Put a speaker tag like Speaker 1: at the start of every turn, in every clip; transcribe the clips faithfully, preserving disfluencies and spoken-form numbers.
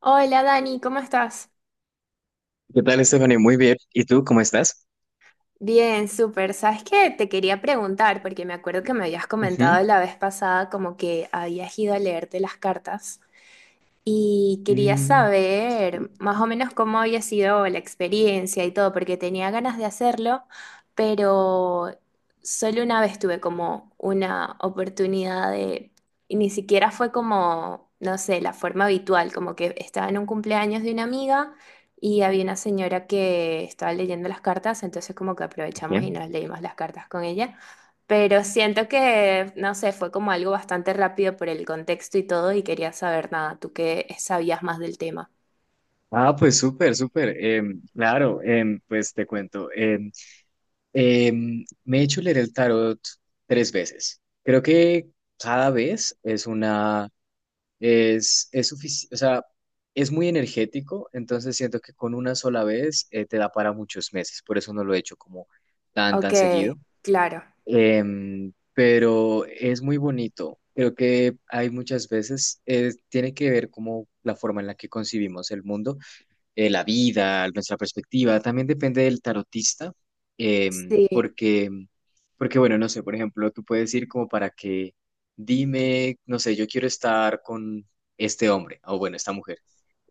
Speaker 1: Hola Dani, ¿cómo estás?
Speaker 2: ¿Qué tal, Stephanie? Muy bien. ¿Y tú, cómo estás?
Speaker 1: Bien, súper. ¿Sabes qué? Te quería preguntar, porque me acuerdo que me habías comentado
Speaker 2: Ujú.
Speaker 1: la vez pasada como que habías ido a leerte las cartas. Y quería
Speaker 2: Mm,
Speaker 1: saber más o menos cómo había sido la experiencia y todo, porque tenía ganas de hacerlo, pero solo una vez tuve como una oportunidad de, y ni siquiera fue como, no sé, la forma habitual, como que estaba en un cumpleaños de una amiga y había una señora que estaba leyendo las cartas, entonces como que aprovechamos y nos
Speaker 2: bien.
Speaker 1: leímos las cartas con ella. Pero siento que, no sé, fue como algo bastante rápido por el contexto y todo y quería saber nada, tú que sabías más del tema.
Speaker 2: Ah, pues súper, súper. Em, claro, em, pues te cuento. Em, em, me he hecho leer el tarot tres veces. Creo que cada vez es una, es, es suficiente, o sea, es muy energético, entonces siento que con una sola vez eh, te da para muchos meses. Por eso no lo he hecho como tan,
Speaker 1: Ok,
Speaker 2: tan seguido.
Speaker 1: claro,
Speaker 2: Em, pero es muy bonito. Creo que hay muchas veces, eh, tiene que ver como la forma en la que concibimos el mundo, eh, la vida, nuestra perspectiva. También depende del tarotista, em,
Speaker 1: sí,
Speaker 2: porque, porque, bueno, no sé, por ejemplo, tú puedes ir como para que dime, no sé, yo quiero estar con este hombre o bueno, esta mujer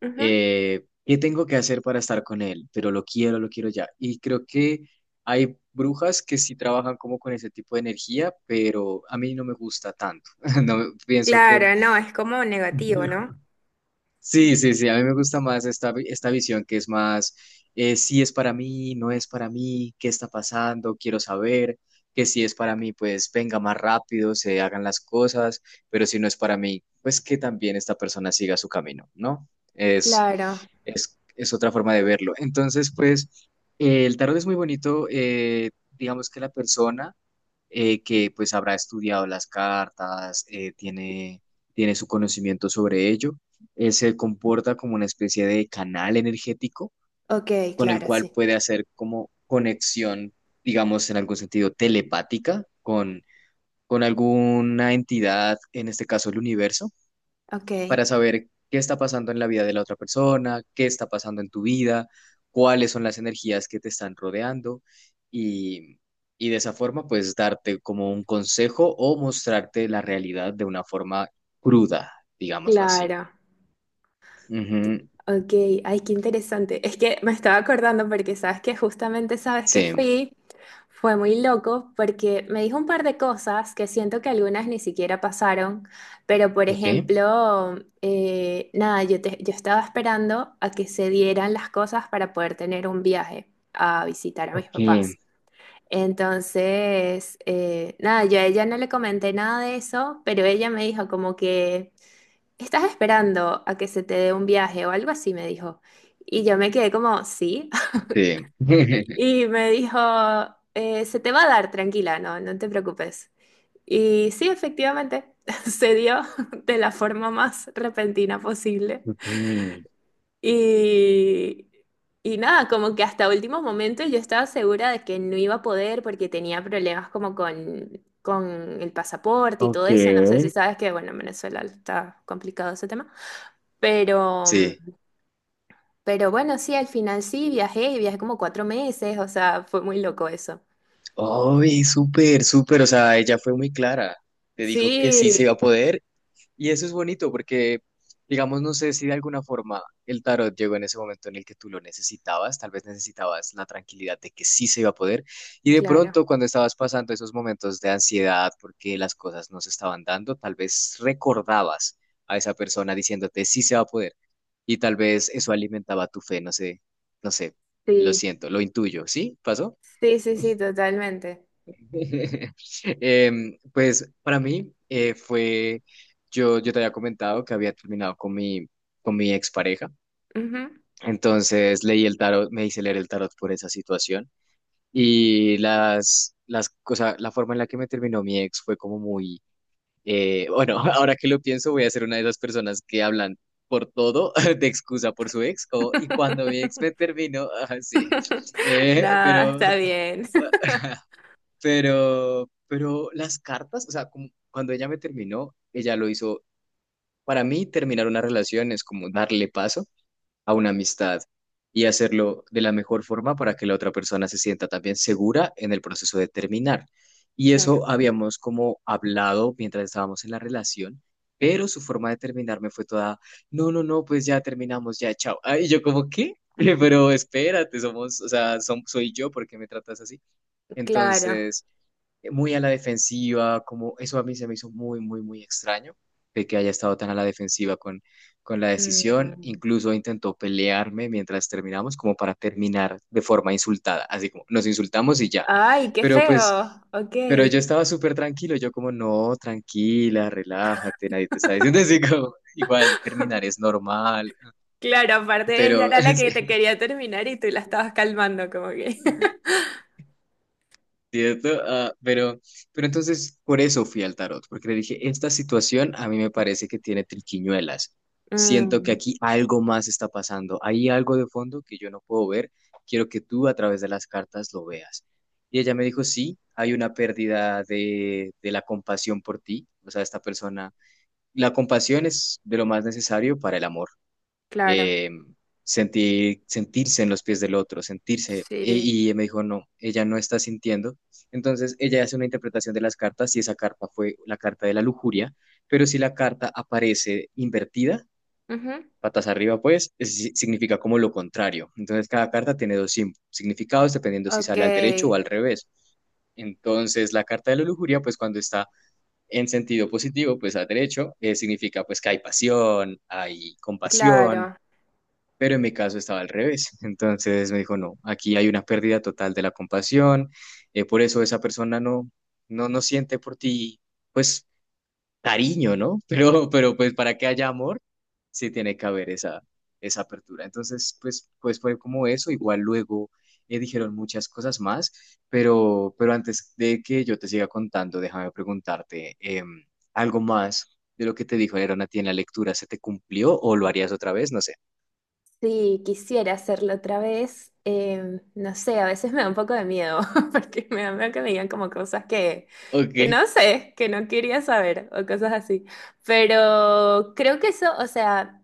Speaker 1: ujú,
Speaker 2: eh, ¿qué tengo que hacer para estar con él? Pero lo quiero, lo quiero ya. Y creo que hay brujas que sí trabajan como con ese tipo de energía, pero a mí no me gusta tanto. No pienso que
Speaker 1: claro, no, es como negativo, ¿no?
Speaker 2: Sí, sí, sí, a mí me gusta más esta, vi- esta visión que es más, eh, si es para mí, no es para mí, qué está pasando, quiero saber, que si es para mí, pues venga más rápido, se hagan las cosas, pero si no es para mí, pues que también esta persona siga su camino, ¿no? Es,
Speaker 1: Claro,
Speaker 2: es, es otra forma de verlo. Entonces, pues, eh, el tarot es muy bonito, eh, digamos que la persona eh, que pues habrá estudiado las cartas, eh, tiene, tiene su conocimiento sobre ello. Él se comporta como una especie de canal energético
Speaker 1: ok,
Speaker 2: con el
Speaker 1: claro,
Speaker 2: cual
Speaker 1: sí,
Speaker 2: puede hacer como conexión, digamos, en algún sentido telepática con, con alguna entidad, en este caso el universo
Speaker 1: ok,
Speaker 2: para saber qué está pasando en la vida de la otra persona, qué está pasando en tu vida, cuáles son las energías que te están rodeando y, y de esa forma pues darte como un consejo o mostrarte la realidad de una forma cruda, digámoslo así.
Speaker 1: claro.
Speaker 2: Ujú,
Speaker 1: Ok, ay, qué interesante. Es que me estaba acordando porque sabes que justamente sabes que
Speaker 2: sí,
Speaker 1: fui, fue muy loco porque me dijo un par de cosas que siento que algunas ni siquiera pasaron, pero por
Speaker 2: ok.
Speaker 1: ejemplo, eh, nada, yo, te- yo estaba esperando a que se dieran las cosas para poder tener un viaje a visitar a mis
Speaker 2: Ok,
Speaker 1: papás. Entonces, eh, nada, yo a ella no le comenté nada de eso, pero ella me dijo como que... ¿Estás esperando a que se te dé un viaje o algo así? Me dijo. Y yo me quedé como, sí.
Speaker 2: sí.
Speaker 1: Y me dijo, "Eh, se te va a dar, tranquila, no, no te preocupes. Y sí, efectivamente, se dio de la forma más repentina posible.
Speaker 2: Okay.
Speaker 1: Y, y nada, como que hasta último momento yo estaba segura de que no iba a poder porque tenía problemas como con, con el pasaporte y todo eso. No sé si
Speaker 2: Okay.
Speaker 1: sabes que, bueno, en Venezuela está complicado ese tema. Pero... mm,
Speaker 2: Sí.
Speaker 1: pero bueno, sí, al final sí viajé, y viajé como cuatro meses, o sea, fue muy loco eso.
Speaker 2: Oh, súper, súper. O sea, ella fue muy clara. Te dijo que sí se
Speaker 1: Sí,
Speaker 2: iba a poder. Y eso es bonito porque, digamos, no sé si de alguna forma el tarot llegó en ese momento en el que tú lo necesitabas, tal vez necesitabas la tranquilidad de que sí se iba a poder, y de
Speaker 1: claro,
Speaker 2: pronto cuando estabas pasando esos momentos de ansiedad porque las cosas no se estaban dando, tal vez recordabas a esa persona diciéndote sí se va a poder, y tal vez eso alimentaba tu fe, no sé, no sé, lo
Speaker 1: sí,
Speaker 2: siento, lo intuyo, ¿sí? ¿Pasó?
Speaker 1: sí, sí, sí, totalmente.
Speaker 2: Em, pues para mí eh, fue, yo, yo te había comentado que había terminado con mi, con mi expareja,
Speaker 1: Ujú.
Speaker 2: entonces leí el tarot, me hice leer el tarot por esa situación y las, las cosas, la forma en la que me terminó mi ex fue como muy, eh, bueno, ahora que lo pienso voy a ser una de esas personas que hablan por todo de excusa por su ex, como, y cuando mi ex me terminó, así,
Speaker 1: Nada,
Speaker 2: pero
Speaker 1: está bien.
Speaker 2: Pero, pero las cartas, o sea, como cuando ella me terminó, ella lo hizo. Para mí, terminar una relación es como darle paso a una amistad y hacerlo de la mejor forma para que la otra persona se sienta también segura en el proceso de terminar. Y
Speaker 1: Claro,
Speaker 2: eso habíamos como hablado mientras estábamos en la relación, pero su forma de terminarme fue toda, no, no, no, pues ya terminamos, ya, chao. Ah, y yo como, ¿qué? Pero espérate, somos, o sea, som- soy yo, ¿por qué me tratas así?
Speaker 1: claro.
Speaker 2: Entonces eh, muy a la defensiva, como eso a mí se me hizo muy, muy, muy extraño, de que haya estado tan a la defensiva con, con la decisión.
Speaker 1: Mm.
Speaker 2: Incluso intentó pelearme mientras terminamos, como para terminar de forma insultada, así como nos insultamos y ya.
Speaker 1: Ay, qué
Speaker 2: Pero pues,
Speaker 1: feo. Ok.
Speaker 2: pero yo estaba súper tranquilo, yo como, no, tranquila, relájate, nadie te está diciendo así como, igual terminar es normal,
Speaker 1: Claro, aparte ella
Speaker 2: pero
Speaker 1: era la que te quería terminar y tú la
Speaker 2: sí.
Speaker 1: estabas calmando, como que.
Speaker 2: ¿Cierto? Ah, pero, pero entonces por eso fui al tarot, porque le dije, esta situación a mí me parece que tiene triquiñuelas. Siento que
Speaker 1: Mm,
Speaker 2: aquí algo más está pasando. Hay algo de fondo que yo no puedo ver. Quiero que tú a través de las cartas lo veas. Y ella me dijo, sí, hay una pérdida de, de la compasión por ti. O sea, esta persona, la compasión es de lo más necesario para el amor
Speaker 1: claro,
Speaker 2: eh, sentir, sentirse en los pies del otro, sentirse.
Speaker 1: sí.
Speaker 2: Y, y me dijo, no, ella no está sintiendo. Entonces ella hace una interpretación de las cartas, si esa carta fue la carta de la lujuria, pero si la carta aparece invertida,
Speaker 1: Ujú.
Speaker 2: patas arriba, pues es- si, significa como lo contrario. Entonces cada carta tiene dos sim- significados dependiendo si
Speaker 1: Ok,
Speaker 2: sale al derecho o al revés. Entonces, la carta de la lujuria, pues cuando está en sentido positivo, pues al derecho, eh, significa pues que hay pasión, hay compasión,
Speaker 1: claro.
Speaker 2: pero en mi caso estaba al revés. Entonces me dijo, no, aquí hay una pérdida total de la compasión, eh, por eso esa persona no, no, no siente por ti, pues, cariño, ¿no? Pero, pero pues para que haya amor, sí tiene que haber esa, esa apertura. Entonces, pues, pues, fue como eso. Igual luego eh, dijeron muchas cosas más, pero, pero antes de que yo te siga contando, déjame preguntarte em, algo más de lo que te dijo Aaron a ti en la lectura, ¿se te cumplió o lo harías otra vez? No sé.
Speaker 1: Sí, quisiera hacerlo otra vez. Em, no sé, a veces me da un poco de miedo, porque me da miedo que me digan como cosas que, que
Speaker 2: Ok.
Speaker 1: no sé, que no quería saber o cosas así. Pero creo que eso, o sea,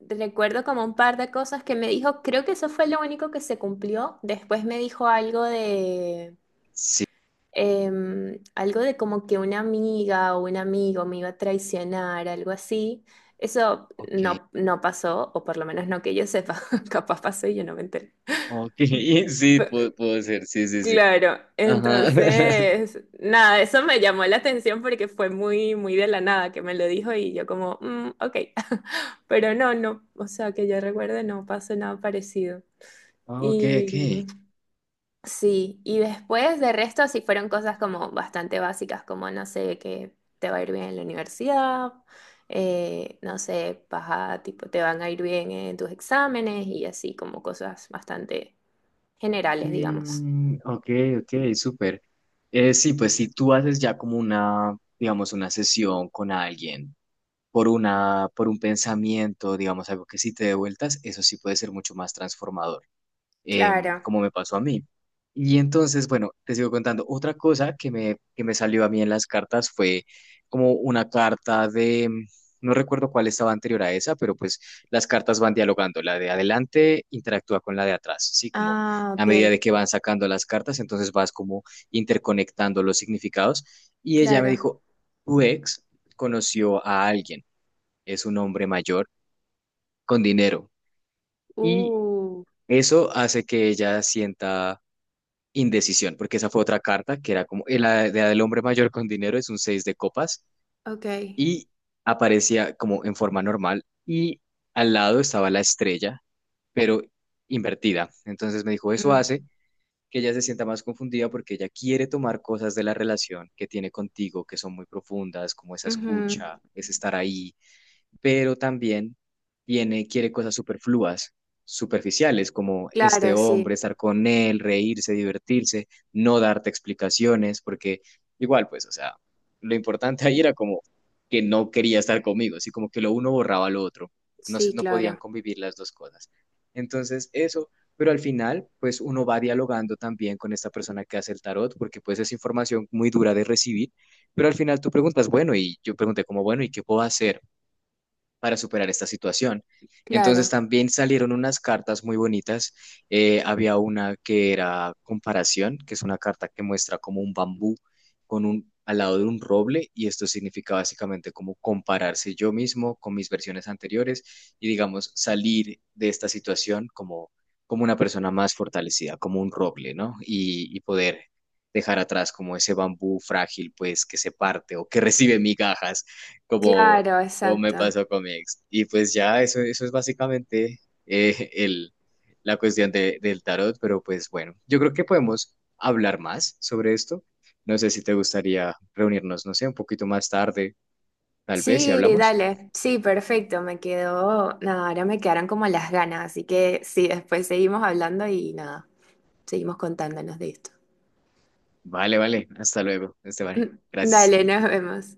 Speaker 1: recuerdo como un par de cosas que me dijo, creo que eso fue lo único que se cumplió. Después me dijo algo de
Speaker 2: Sí.
Speaker 1: em, algo de como que una amiga o un amigo me iba a traicionar, algo así. Eso
Speaker 2: Ok,
Speaker 1: no, no pasó, o por lo menos no que yo sepa, capaz pasó y yo no me enteré.
Speaker 2: ok, sí, puedo, puedo ser, sí, sí, sí.
Speaker 1: Claro,
Speaker 2: Ajá.
Speaker 1: entonces, nada, eso me llamó la atención porque fue muy, muy de la nada que me lo dijo y yo como, "Mm, ok". Pero no, no, o sea, que yo recuerde no pasó nada parecido.
Speaker 2: Ah, ok,
Speaker 1: Y
Speaker 2: ok.
Speaker 1: sí, y después de resto sí fueron cosas como bastante básicas, como no sé, que te va a ir bien en la universidad, eh, no sé, vas a, tipo, te van a ir bien en tus exámenes y así como cosas bastante generales, digamos.
Speaker 2: Mm, ok, ok, súper. Eh, sí, pues si tú haces ya como una, digamos, una sesión con alguien por una, por un pensamiento, digamos, algo que sí te dé vueltas, eso sí puede ser mucho más transformador. Em,
Speaker 1: Claro.
Speaker 2: como me pasó a mí. Y entonces, bueno, te sigo contando. Otra cosa que me, que me salió a mí en las cartas fue como una carta de, mm, no recuerdo cuál estaba anterior a esa, pero pues las cartas van dialogando. La de adelante interactúa con la de atrás, ¿sí? Como
Speaker 1: Ah,
Speaker 2: a
Speaker 1: ok,
Speaker 2: medida de que van sacando las cartas, entonces vas como interconectando los significados. Y ella me
Speaker 1: claro.
Speaker 2: dijo, tu ex conoció a alguien, es un hombre mayor con dinero. Y
Speaker 1: Uh,
Speaker 2: eso hace que ella sienta indecisión, porque esa fue otra carta que era como el, la de- la del hombre mayor con dinero es un seis de copas
Speaker 1: ok.
Speaker 2: y aparecía como en forma normal y al lado estaba la estrella, pero invertida. Entonces me dijo, eso
Speaker 1: Mm,
Speaker 2: hace que ella se sienta más confundida porque ella quiere tomar cosas de la relación que tiene contigo que son muy profundas, como esa
Speaker 1: ujú.
Speaker 2: escucha, ese estar ahí, pero también tiene, quiere cosas superfluas, superficiales, como este
Speaker 1: Claro,
Speaker 2: hombre,
Speaker 1: sí,
Speaker 2: estar con él, reírse, divertirse, no darte explicaciones, porque igual, pues, o sea, lo importante ahí era como que no quería estar conmigo, así como que lo uno borraba lo otro, no se,
Speaker 1: sí,
Speaker 2: no podían
Speaker 1: claro,
Speaker 2: convivir las dos cosas. Entonces, eso, pero al final, pues uno va dialogando también con esta persona que hace el tarot, porque pues es información muy dura de recibir, pero al final tú preguntas, bueno, y yo pregunté como, bueno, ¿y qué puedo hacer para superar esta situación? Entonces
Speaker 1: claro,
Speaker 2: también salieron unas cartas muy bonitas. Eh, había una que era comparación, que es una carta que muestra como un bambú con un al lado de un roble y esto significa básicamente como compararse yo mismo con mis versiones anteriores y digamos salir de esta situación como como una persona más fortalecida, como un roble, ¿no? Y, y poder dejar atrás como ese bambú frágil, pues que se parte o que recibe migajas, como
Speaker 1: claro,
Speaker 2: como me
Speaker 1: exacto.
Speaker 2: pasó con mi ex. Y pues ya, eso, eso es básicamente eh, el, la cuestión de- del tarot, pero pues bueno, yo creo que podemos hablar más sobre esto. No sé si te gustaría reunirnos, no sé, un poquito más tarde, tal vez, si
Speaker 1: Sí,
Speaker 2: hablamos.
Speaker 1: dale. Sí, perfecto. Me quedó. Nada, ahora me quedaron como las ganas. Así que sí, después seguimos hablando y nada, seguimos contándonos de esto.
Speaker 2: Vale, vale, hasta luego, Esteban. Gracias.
Speaker 1: Dale, nos vemos.